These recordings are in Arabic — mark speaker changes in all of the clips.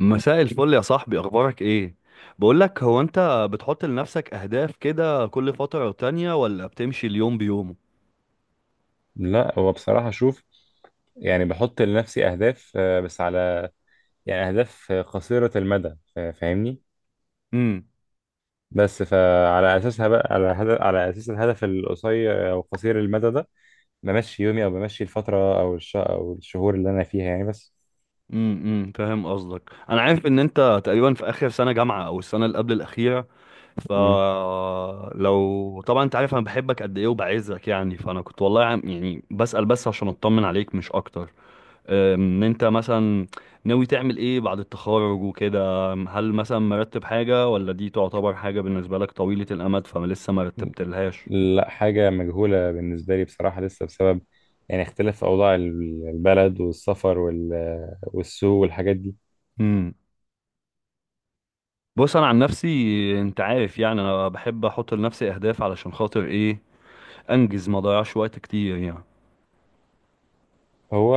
Speaker 1: مساء الفل يا صاحبي، اخبارك ايه؟ بقول لك، هو انت بتحط لنفسك اهداف كده كل فترة تانية ولا بتمشي اليوم بيومه؟
Speaker 2: لا، هو بصراحة شوف. يعني بحط لنفسي أهداف، بس على يعني أهداف قصيرة المدى. فاهمني.
Speaker 1: امم
Speaker 2: بس فعلى أساسها بقى على هدف، على أساس الهدف القصير أو قصير المدى ده بمشي يومي أو بمشي الفترة أو الشهور اللي أنا فيها يعني بس.
Speaker 1: فاهم قصدك. انا عارف ان انت تقريبا في اخر سنة جامعة او السنة اللي قبل الاخيرة.
Speaker 2: مم.
Speaker 1: فلو طبعا انت عارف انا بحبك قد ايه وبعزك يعني، فانا كنت والله يعني بسأل بس عشان اطمن عليك مش اكتر. ان انت مثلا ناوي تعمل ايه بعد التخرج وكده؟ هل مثلا مرتب حاجة، ولا دي تعتبر حاجة بالنسبة لك طويلة الامد فما لسه ما رتبتلهاش؟
Speaker 2: لا، حاجة مجهولة بالنسبة لي بصراحة. لسه بسبب يعني اختلاف أوضاع البلد والسفر والسوق والحاجات دي.
Speaker 1: امم بص، انا عن نفسي انت عارف يعني انا بحب احط لنفسي اهداف علشان خاطر ايه؟ انجز ما اضيعش وقت كتير يعني.
Speaker 2: هو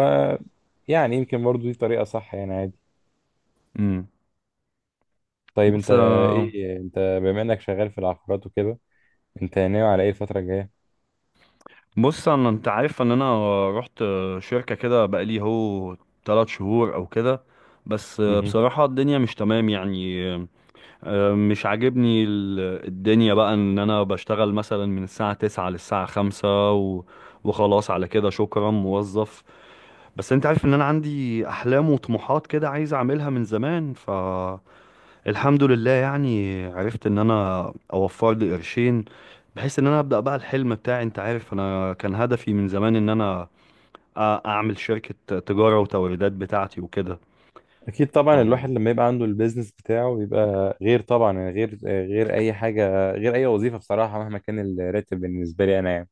Speaker 2: يعني يمكن برضو دي طريقة صح، يعني عادي.
Speaker 1: امم
Speaker 2: طيب
Speaker 1: بص،
Speaker 2: انت، ايه انت بما انك شغال في العقارات وكده، انت ناوي على ايه الفترة الجاية؟
Speaker 1: بص، انا انت عارف ان انا رحت شركة كده بقالي 3 شهور او كده، بس
Speaker 2: مهم.
Speaker 1: بصراحة الدنيا مش تمام يعني. مش عاجبني الدنيا بقى. ان انا بشتغل مثلا من الساعة 9 للساعة 5 وخلاص، على كده شكرا موظف. بس انت عارف ان انا عندي احلام وطموحات كده عايز اعملها من زمان، فالحمد لله يعني عرفت ان انا اوفر لي قرشين بحيث ان انا ابدأ بقى الحلم بتاعي. انت عارف انا كان هدفي من زمان ان انا اعمل شركة تجارة وتوريدات بتاعتي وكده.
Speaker 2: اكيد طبعا،
Speaker 1: اه،
Speaker 2: الواحد لما يبقى عنده البيزنس بتاعه بيبقى غير طبعا، يعني غير اي حاجة، غير اي وظيفة بصراحة مهما كان الراتب بالنسبة لي انا يعني.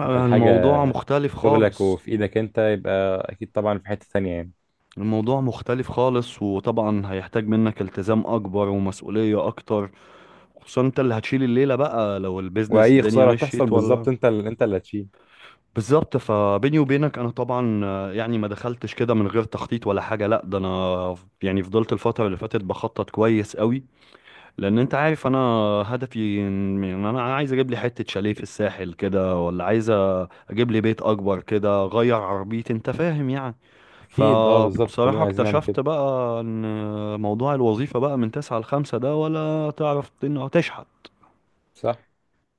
Speaker 2: تبقى الحاجة
Speaker 1: الموضوع مختلف
Speaker 2: شغلك
Speaker 1: خالص.
Speaker 2: وفي ايدك انت، يبقى اكيد طبعا في حتة تانية يعني.
Speaker 1: الموضوع مختلف خالص، وطبعا هيحتاج منك التزام اكبر ومسؤولية اكتر. خصوصا انت اللي هتشيل الليلة بقى لو البيزنس
Speaker 2: واي
Speaker 1: الدنيا
Speaker 2: خسارة تحصل
Speaker 1: مشيت
Speaker 2: بالظبط،
Speaker 1: ولا.
Speaker 2: انت انت اللي هتشيل.
Speaker 1: بالظبط. فبيني وبينك، انا طبعا يعني ما دخلتش كده من غير تخطيط ولا حاجة، لا ده انا يعني فضلت الفترة اللي فاتت بخطط كويس قوي. لان انت عارف انا هدفي إن انا عايز اجيب لي حتة شاليه في الساحل كده، ولا عايز اجيب لي بيت اكبر كده، اغير عربيتي. انت فاهم يعني.
Speaker 2: اكيد، اه، بالظبط
Speaker 1: فبصراحة
Speaker 2: كلنا عايزين نعمل
Speaker 1: اكتشفت
Speaker 2: كده.
Speaker 1: بقى ان موضوع الوظيفة بقى من 9 ل5 ده ولا تعرف انه تشحن.
Speaker 2: صح؟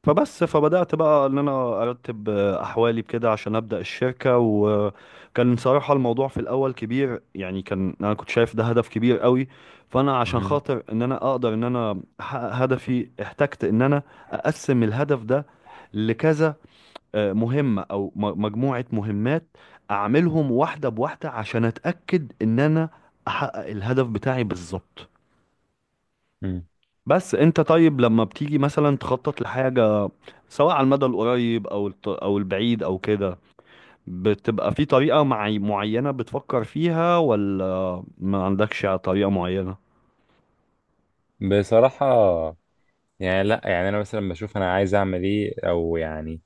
Speaker 1: فبدأت بقى ان انا ارتب احوالي بكده عشان ابدأ الشركة. وكان صراحة الموضوع في الاول كبير يعني، كان انا كنت شايف ده هدف كبير قوي. فانا عشان
Speaker 2: مهم.
Speaker 1: خاطر ان انا اقدر ان انا احقق هدفي، احتجت ان انا اقسم الهدف ده لكذا مهمة أو مجموعة مهمات، أعملهم واحدة بواحدة عشان أتأكد إن أنا أحقق الهدف بتاعي بالظبط.
Speaker 2: مم.
Speaker 1: بس أنت طيب لما بتيجي مثلا تخطط لحاجة، سواء على المدى القريب أو أو البعيد أو كده، بتبقى في طريقة معينة بتفكر فيها ولا ما عندكش طريقة معينة؟
Speaker 2: بصراحة، يعني لا، يعني انا مثلا بشوف انا عايز اعمل ايه او يعني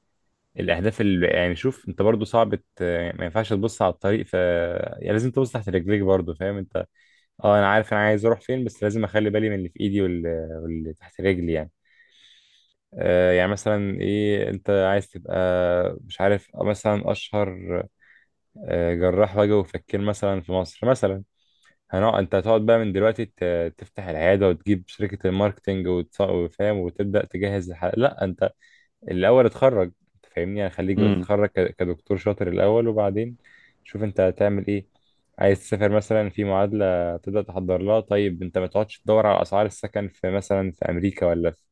Speaker 2: الاهداف اللي يعني. شوف انت برضو صعب ما ينفعش تبص على الطريق، ف يعني لازم تبص تحت رجليك برضو، فاهم انت؟ اه، انا عارف انا عايز اروح فين، بس لازم اخلي بالي من اللي في ايدي واللي تحت رجلي يعني. يعني مثلا ايه انت عايز تبقى؟ مش عارف، مثلا اشهر جراح وجه وفكين مثلا في مصر مثلا. هنقعد؟ انت هتقعد بقى من دلوقتي تفتح العياده وتجيب شركه الماركتينج وفاهم وتبدا تجهز الحلقه؟ لا انت، الاول اتخرج، انت فاهمني، يعني خليك بقى
Speaker 1: امم
Speaker 2: تتخرج كدكتور شاطر الاول، وبعدين شوف انت هتعمل ايه. عايز تسافر، مثلا في معادلة تبدأ تحضر لها، طيب انت ما تقعدش تدور على اسعار السكن في مثلا في امريكا ولا في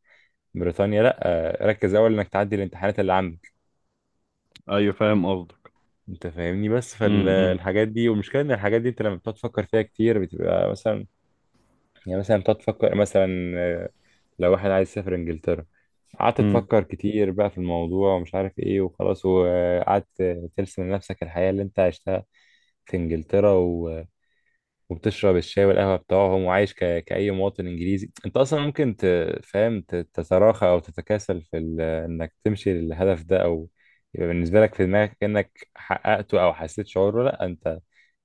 Speaker 2: بريطانيا. لا، ركز اول انك تعدي الامتحانات اللي عندك.
Speaker 1: أيوة، فاهم قصدك.
Speaker 2: انت فاهمني، بس
Speaker 1: امم
Speaker 2: فالحاجات دي، والمشكلة ان الحاجات دي انت لما بتقعد تفكر فيها كتير بتبقى مثلا، يعني مثلا بتقعد تفكر مثلا، لو واحد عايز يسافر انجلترا، قعدت تفكر كتير بقى في الموضوع ومش عارف ايه وخلاص، وقعدت ترسم لنفسك الحياة اللي انت عشتها في انجلترا وبتشرب الشاي والقهوة بتاعهم وعايش كأي مواطن انجليزي. انت اصلا ممكن تفهم تتراخى او تتكاسل في انك تمشي للهدف ده، او يبقى بالنسبة لك في دماغك انك حققته او حسيت شعوره. لا انت،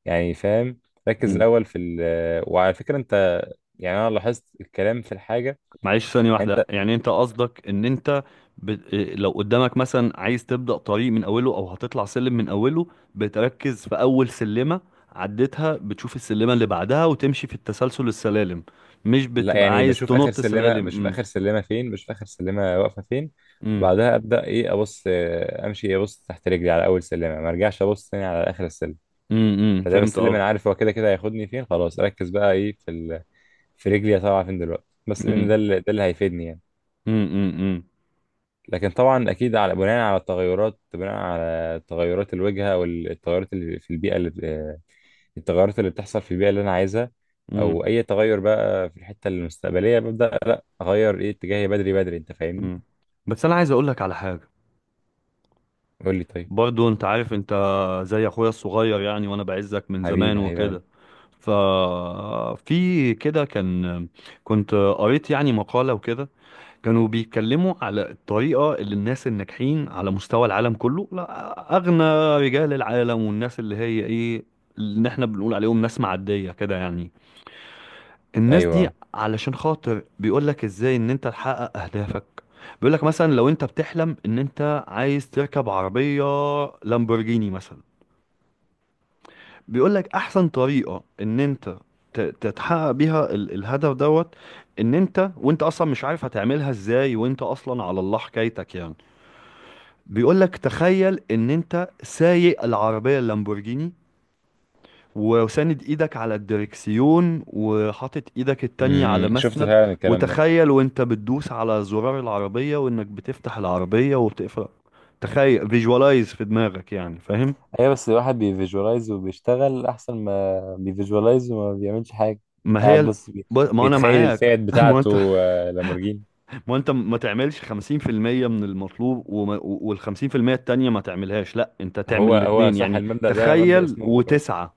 Speaker 2: يعني فاهم. ركز
Speaker 1: امم
Speaker 2: الاول في ال... وعلى فكرة انت، يعني انا لاحظت الكلام في الحاجه.
Speaker 1: معلش ثانية
Speaker 2: انت،
Speaker 1: واحدة، يعني انت قصدك ان انت ب... إيه، لو قدامك مثلا عايز تبدأ طريق من اوله او هتطلع سلم من اوله، بتركز في اول سلمة. عديتها، بتشوف السلمة اللي بعدها وتمشي في التسلسل السلالم، مش
Speaker 2: لا،
Speaker 1: بتبقى
Speaker 2: يعني
Speaker 1: عايز تنط سلالم.
Speaker 2: بشوف اخر سلمه واقفه فين.
Speaker 1: امم
Speaker 2: وبعدها ابدا ايه؟ ابص، امشي، ابص تحت رجلي على اول سلمه، ما ارجعش ابص تاني على اخر السلم. فدام
Speaker 1: فهمت
Speaker 2: السلم انا
Speaker 1: قصدك.
Speaker 2: عارف هو كده كده هياخدني فين، خلاص اركز بقى ايه في ال... في رجلي طالعه فين دلوقتي، بس لان
Speaker 1: امم
Speaker 2: ده اللي هيفيدني يعني.
Speaker 1: امم
Speaker 2: لكن طبعا اكيد بناء على التغيرات، بناء على تغيرات الواجهه والتغيرات اللي في البيئه اللي التغيرات اللي بتحصل في البيئه اللي انا عايزها،
Speaker 1: امم
Speaker 2: او اي تغير بقى في الحته المستقبليه ببدا، لا اغير ايه اتجاهي بدري بدري، انت فاهمني.
Speaker 1: امم بس انا عايز اقول لك على حاجة.
Speaker 2: قول لي طيب.
Speaker 1: برضو انت عارف، انت زي اخويا الصغير يعني، وانا بعزك من زمان
Speaker 2: حبيبي حبيبي
Speaker 1: وكده.
Speaker 2: قلبي.
Speaker 1: ففي كده كنت قريت يعني مقالة وكده. كانوا بيتكلموا على الطريقة اللي الناس الناجحين على مستوى العالم كله، لا أغنى رجال العالم، والناس اللي هي ايه، اللي احنا بنقول عليهم ناس معدية كده يعني، الناس
Speaker 2: ايوه.
Speaker 1: دي. علشان خاطر بيقولك ازاي ان انت تحقق اهدافك. بيقولك مثلا لو انت بتحلم ان انت عايز تركب عربية لامبورجيني مثلا، بيقولك احسن طريقة ان انت تتحقق بيها الهدف دوت. ان انت وانت اصلا مش عارف هتعملها ازاي وانت اصلا على الله حكايتك يعني، بيقولك تخيل ان انت سايق العربية اللامبورجيني وساند ايدك على الدركسيون وحاطط ايدك التانية على
Speaker 2: امم، شفت
Speaker 1: مسند،
Speaker 2: فعلا الكلام ده.
Speaker 1: وتخيل وانت بتدوس على زرار العربية وانك بتفتح العربية وبتقفل. تخيل، فيجوالايز في دماغك. يعني فاهم.
Speaker 2: ايوه، بس الواحد بيفيجوالايز وبيشتغل احسن ما بيفيجوالايز وما بيعملش حاجه.
Speaker 1: ما هي
Speaker 2: قاعد
Speaker 1: ال...
Speaker 2: بس
Speaker 1: ما انا
Speaker 2: بيتخيل
Speaker 1: معاك.
Speaker 2: الفئات
Speaker 1: ما انت
Speaker 2: بتاعته، لامورجيني.
Speaker 1: ما انت ما تعملش 50% من المطلوب وال 50% التانية ما تعملهاش. لا، انت تعمل
Speaker 2: هو هو
Speaker 1: الاتنين
Speaker 2: صح،
Speaker 1: يعني،
Speaker 2: المبدأ ده مبدأ
Speaker 1: تخيل
Speaker 2: اسمه،
Speaker 1: وتسعى.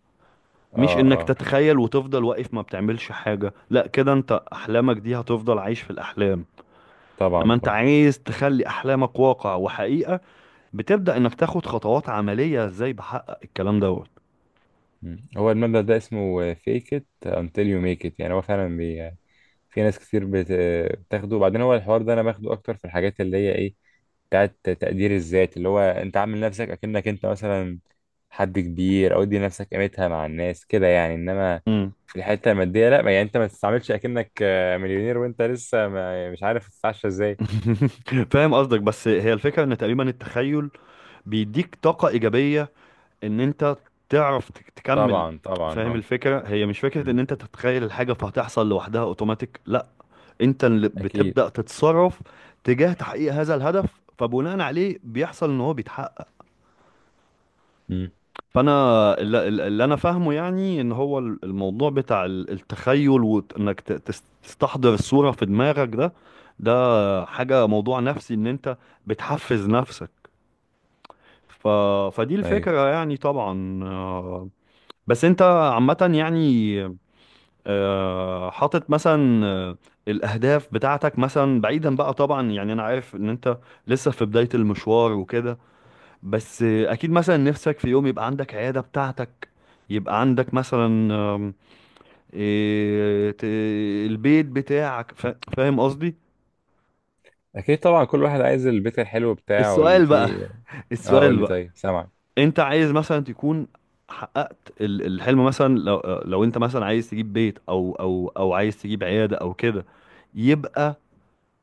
Speaker 1: مش
Speaker 2: اه
Speaker 1: انك
Speaker 2: اه.
Speaker 1: تتخيل وتفضل واقف ما بتعملش حاجة. لا كده انت احلامك دي هتفضل عايش في الاحلام.
Speaker 2: طبعا
Speaker 1: لما انت
Speaker 2: طبعا.
Speaker 1: عايز تخلي احلامك واقع وحقيقة، بتبدأ انك تاخد خطوات عملية، ازاي بحقق الكلام دوت.
Speaker 2: مم. هو المبدأ ده اسمه fake it until you make it. يعني هو فعلا بي... آه، في ناس كتير بت... آه، بتاخده. وبعدين هو الحوار ده انا باخده اكتر في الحاجات اللي هي ايه، بتاعت تقدير الذات، اللي هو انت عامل نفسك اكنك انت مثلا حد كبير، او ادي نفسك قيمتها مع الناس كده يعني. انما
Speaker 1: مم.
Speaker 2: في الحتة المادية لا. يعني انت ما تستعملش اكنك مليونير، وانت لسه ما... مش عارف تتعشى ازاي.
Speaker 1: فاهم قصدك. بس هي الفكرة ان تقريبا التخيل بيديك طاقة ايجابية ان انت تعرف تكمل.
Speaker 2: طبعا طبعا
Speaker 1: فاهم
Speaker 2: اه.
Speaker 1: الفكرة. هي مش فكرة
Speaker 2: مم.
Speaker 1: ان انت تتخيل الحاجة فهتحصل لوحدها اوتوماتيك، لا. انت اللي
Speaker 2: اكيد.
Speaker 1: بتبدأ تتصرف تجاه تحقيق هذا الهدف، فبناء عليه بيحصل ان هو بيتحقق.
Speaker 2: مم.
Speaker 1: فانا اللي انا فاهمه يعني، ان هو الموضوع بتاع التخيل وانك تستحضر الصورة في دماغك ده، ده حاجة موضوع نفسي ان انت بتحفز نفسك. ف... فدي
Speaker 2: ايوه.
Speaker 1: الفكرة يعني طبعا. بس انت عامة يعني حاطط مثلا الاهداف بتاعتك مثلا بعيدا بقى طبعا. يعني انا عارف ان انت لسه في بداية المشوار وكده، بس اكيد مثلا نفسك في يوم يبقى عندك عيادة بتاعتك، يبقى عندك مثلا آم، إيه، ت- البيت بتاعك. فاهم قصدي.
Speaker 2: اكيد طبعا، كل واحد عايز البيت الحلو بتاعه اللي
Speaker 1: السؤال بقى.
Speaker 2: فيه. اه، قول
Speaker 1: السؤال
Speaker 2: لي
Speaker 1: بقى،
Speaker 2: طيب، سامعك.
Speaker 1: انت عايز مثلا تكون حققت الحلم، مثلا لو انت مثلا عايز تجيب بيت او عايز تجيب عيادة او كده، يبقى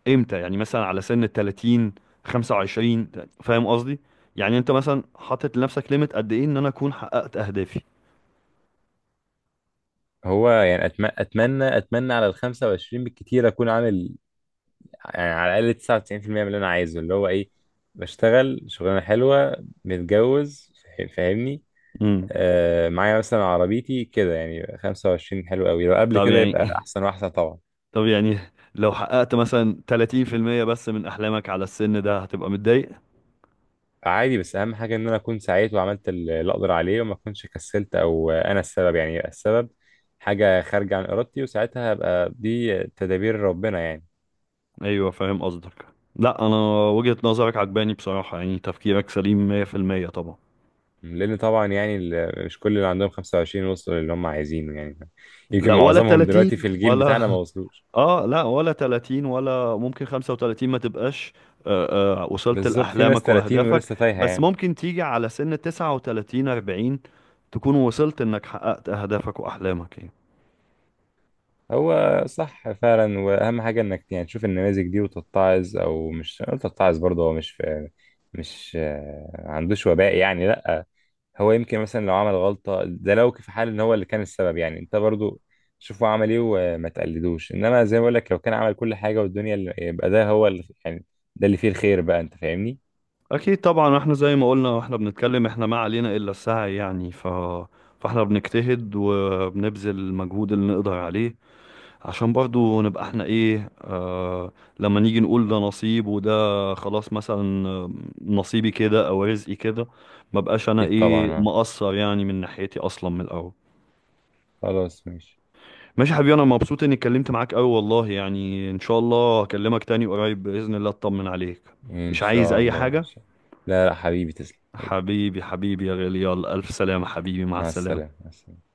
Speaker 1: امتى؟ يعني مثلا على سن ال 30، 25؟ فاهم قصدي، يعني انت مثلا حاطط لنفسك ليميت قد ايه ان انا اكون حققت اهدافي.
Speaker 2: هو يعني أتم... اتمنى اتمنى على ال 25 بالكتير اكون عامل، يعني على الاقل 99% من اللي انا عايزه، اللي هو ايه، بشتغل شغلانه حلوه، متجوز، فاهمني.
Speaker 1: امم
Speaker 2: معايا مثلا عربيتي كده يعني. 25 حلو قوي، لو قبل
Speaker 1: طب
Speaker 2: كده
Speaker 1: يعني.
Speaker 2: يبقى احسن واحسن طبعا.
Speaker 1: طب يعني لو حققت مثلا 30% بس من أحلامك على السن ده، هتبقى متضايق؟
Speaker 2: عادي، بس اهم حاجه ان انا اكون سعيت وعملت اللي اقدر عليه وما اكونش كسلت او انا السبب، يعني يبقى السبب حاجه خارجه عن ارادتي، وساعتها هبقى دي تدابير ربنا يعني.
Speaker 1: أيوه، فاهم قصدك. لا، أنا وجهة نظرك عجباني بصراحة، يعني تفكيرك سليم 100% طبعا.
Speaker 2: لان طبعا يعني، مش كل اللي عندهم 25 وصلوا للي هم عايزينه يعني. يمكن
Speaker 1: لا ولا
Speaker 2: معظمهم دلوقتي في
Speaker 1: 30
Speaker 2: الجيل
Speaker 1: ولا.
Speaker 2: بتاعنا ما وصلوش.
Speaker 1: لا ولا 30 ولا ممكن 35 ما تبقاش وصلت
Speaker 2: بالظبط، في ناس
Speaker 1: لأحلامك
Speaker 2: 30
Speaker 1: وأهدافك.
Speaker 2: ولسه تايهه
Speaker 1: بس
Speaker 2: يعني.
Speaker 1: ممكن تيجي على سن 39، 40، تكون وصلت إنك حققت أهدافك وأحلامك يعني.
Speaker 2: هو صح فعلا، واهم حاجه انك يعني تشوف النماذج دي وتتعظ، او مش أقول تتعظ برضه. هو مش في، مش آه، عندوش وباء يعني، لا. هو يمكن مثلا لو عمل غلطة ده، لو في حال ان هو اللي كان السبب يعني، انت برضو شوف هو عمل ايه وما تقلدوش. انما زي ما بقول لك لو كان عمل كل حاجة والدنيا اللي، يبقى ده هو اللي يعني، ده اللي فيه الخير بقى، انت فاهمني.
Speaker 1: اكيد طبعا، احنا زي ما قلنا واحنا بنتكلم، احنا ما علينا الا السعي يعني. فاحنا بنجتهد وبنبذل المجهود اللي نقدر عليه عشان برضو نبقى احنا ايه، لما نيجي نقول ده نصيب وده خلاص، مثلا نصيبي كده او رزقي كده. ما بقاش انا
Speaker 2: اكيد طبعا
Speaker 1: ايه
Speaker 2: اه.
Speaker 1: مقصر يعني من ناحيتي اصلا من الاول.
Speaker 2: خلاص ماشي.
Speaker 1: ماشي يا حبيبي، انا مبسوط اني اتكلمت معاك قوي والله يعني، ان شاء الله هكلمك تاني قريب باذن الله اطمن عليك.
Speaker 2: ان
Speaker 1: مش عايز
Speaker 2: شاء
Speaker 1: اي
Speaker 2: الله ان
Speaker 1: حاجة.
Speaker 2: شاء الله. لا، لا حبيبي، تسلم حبيبي.
Speaker 1: حبيبي حبيبي يا غالي، يلا ألف سلامة حبيبي، مع
Speaker 2: مع
Speaker 1: السلامة.
Speaker 2: السلامة، مع السلامة.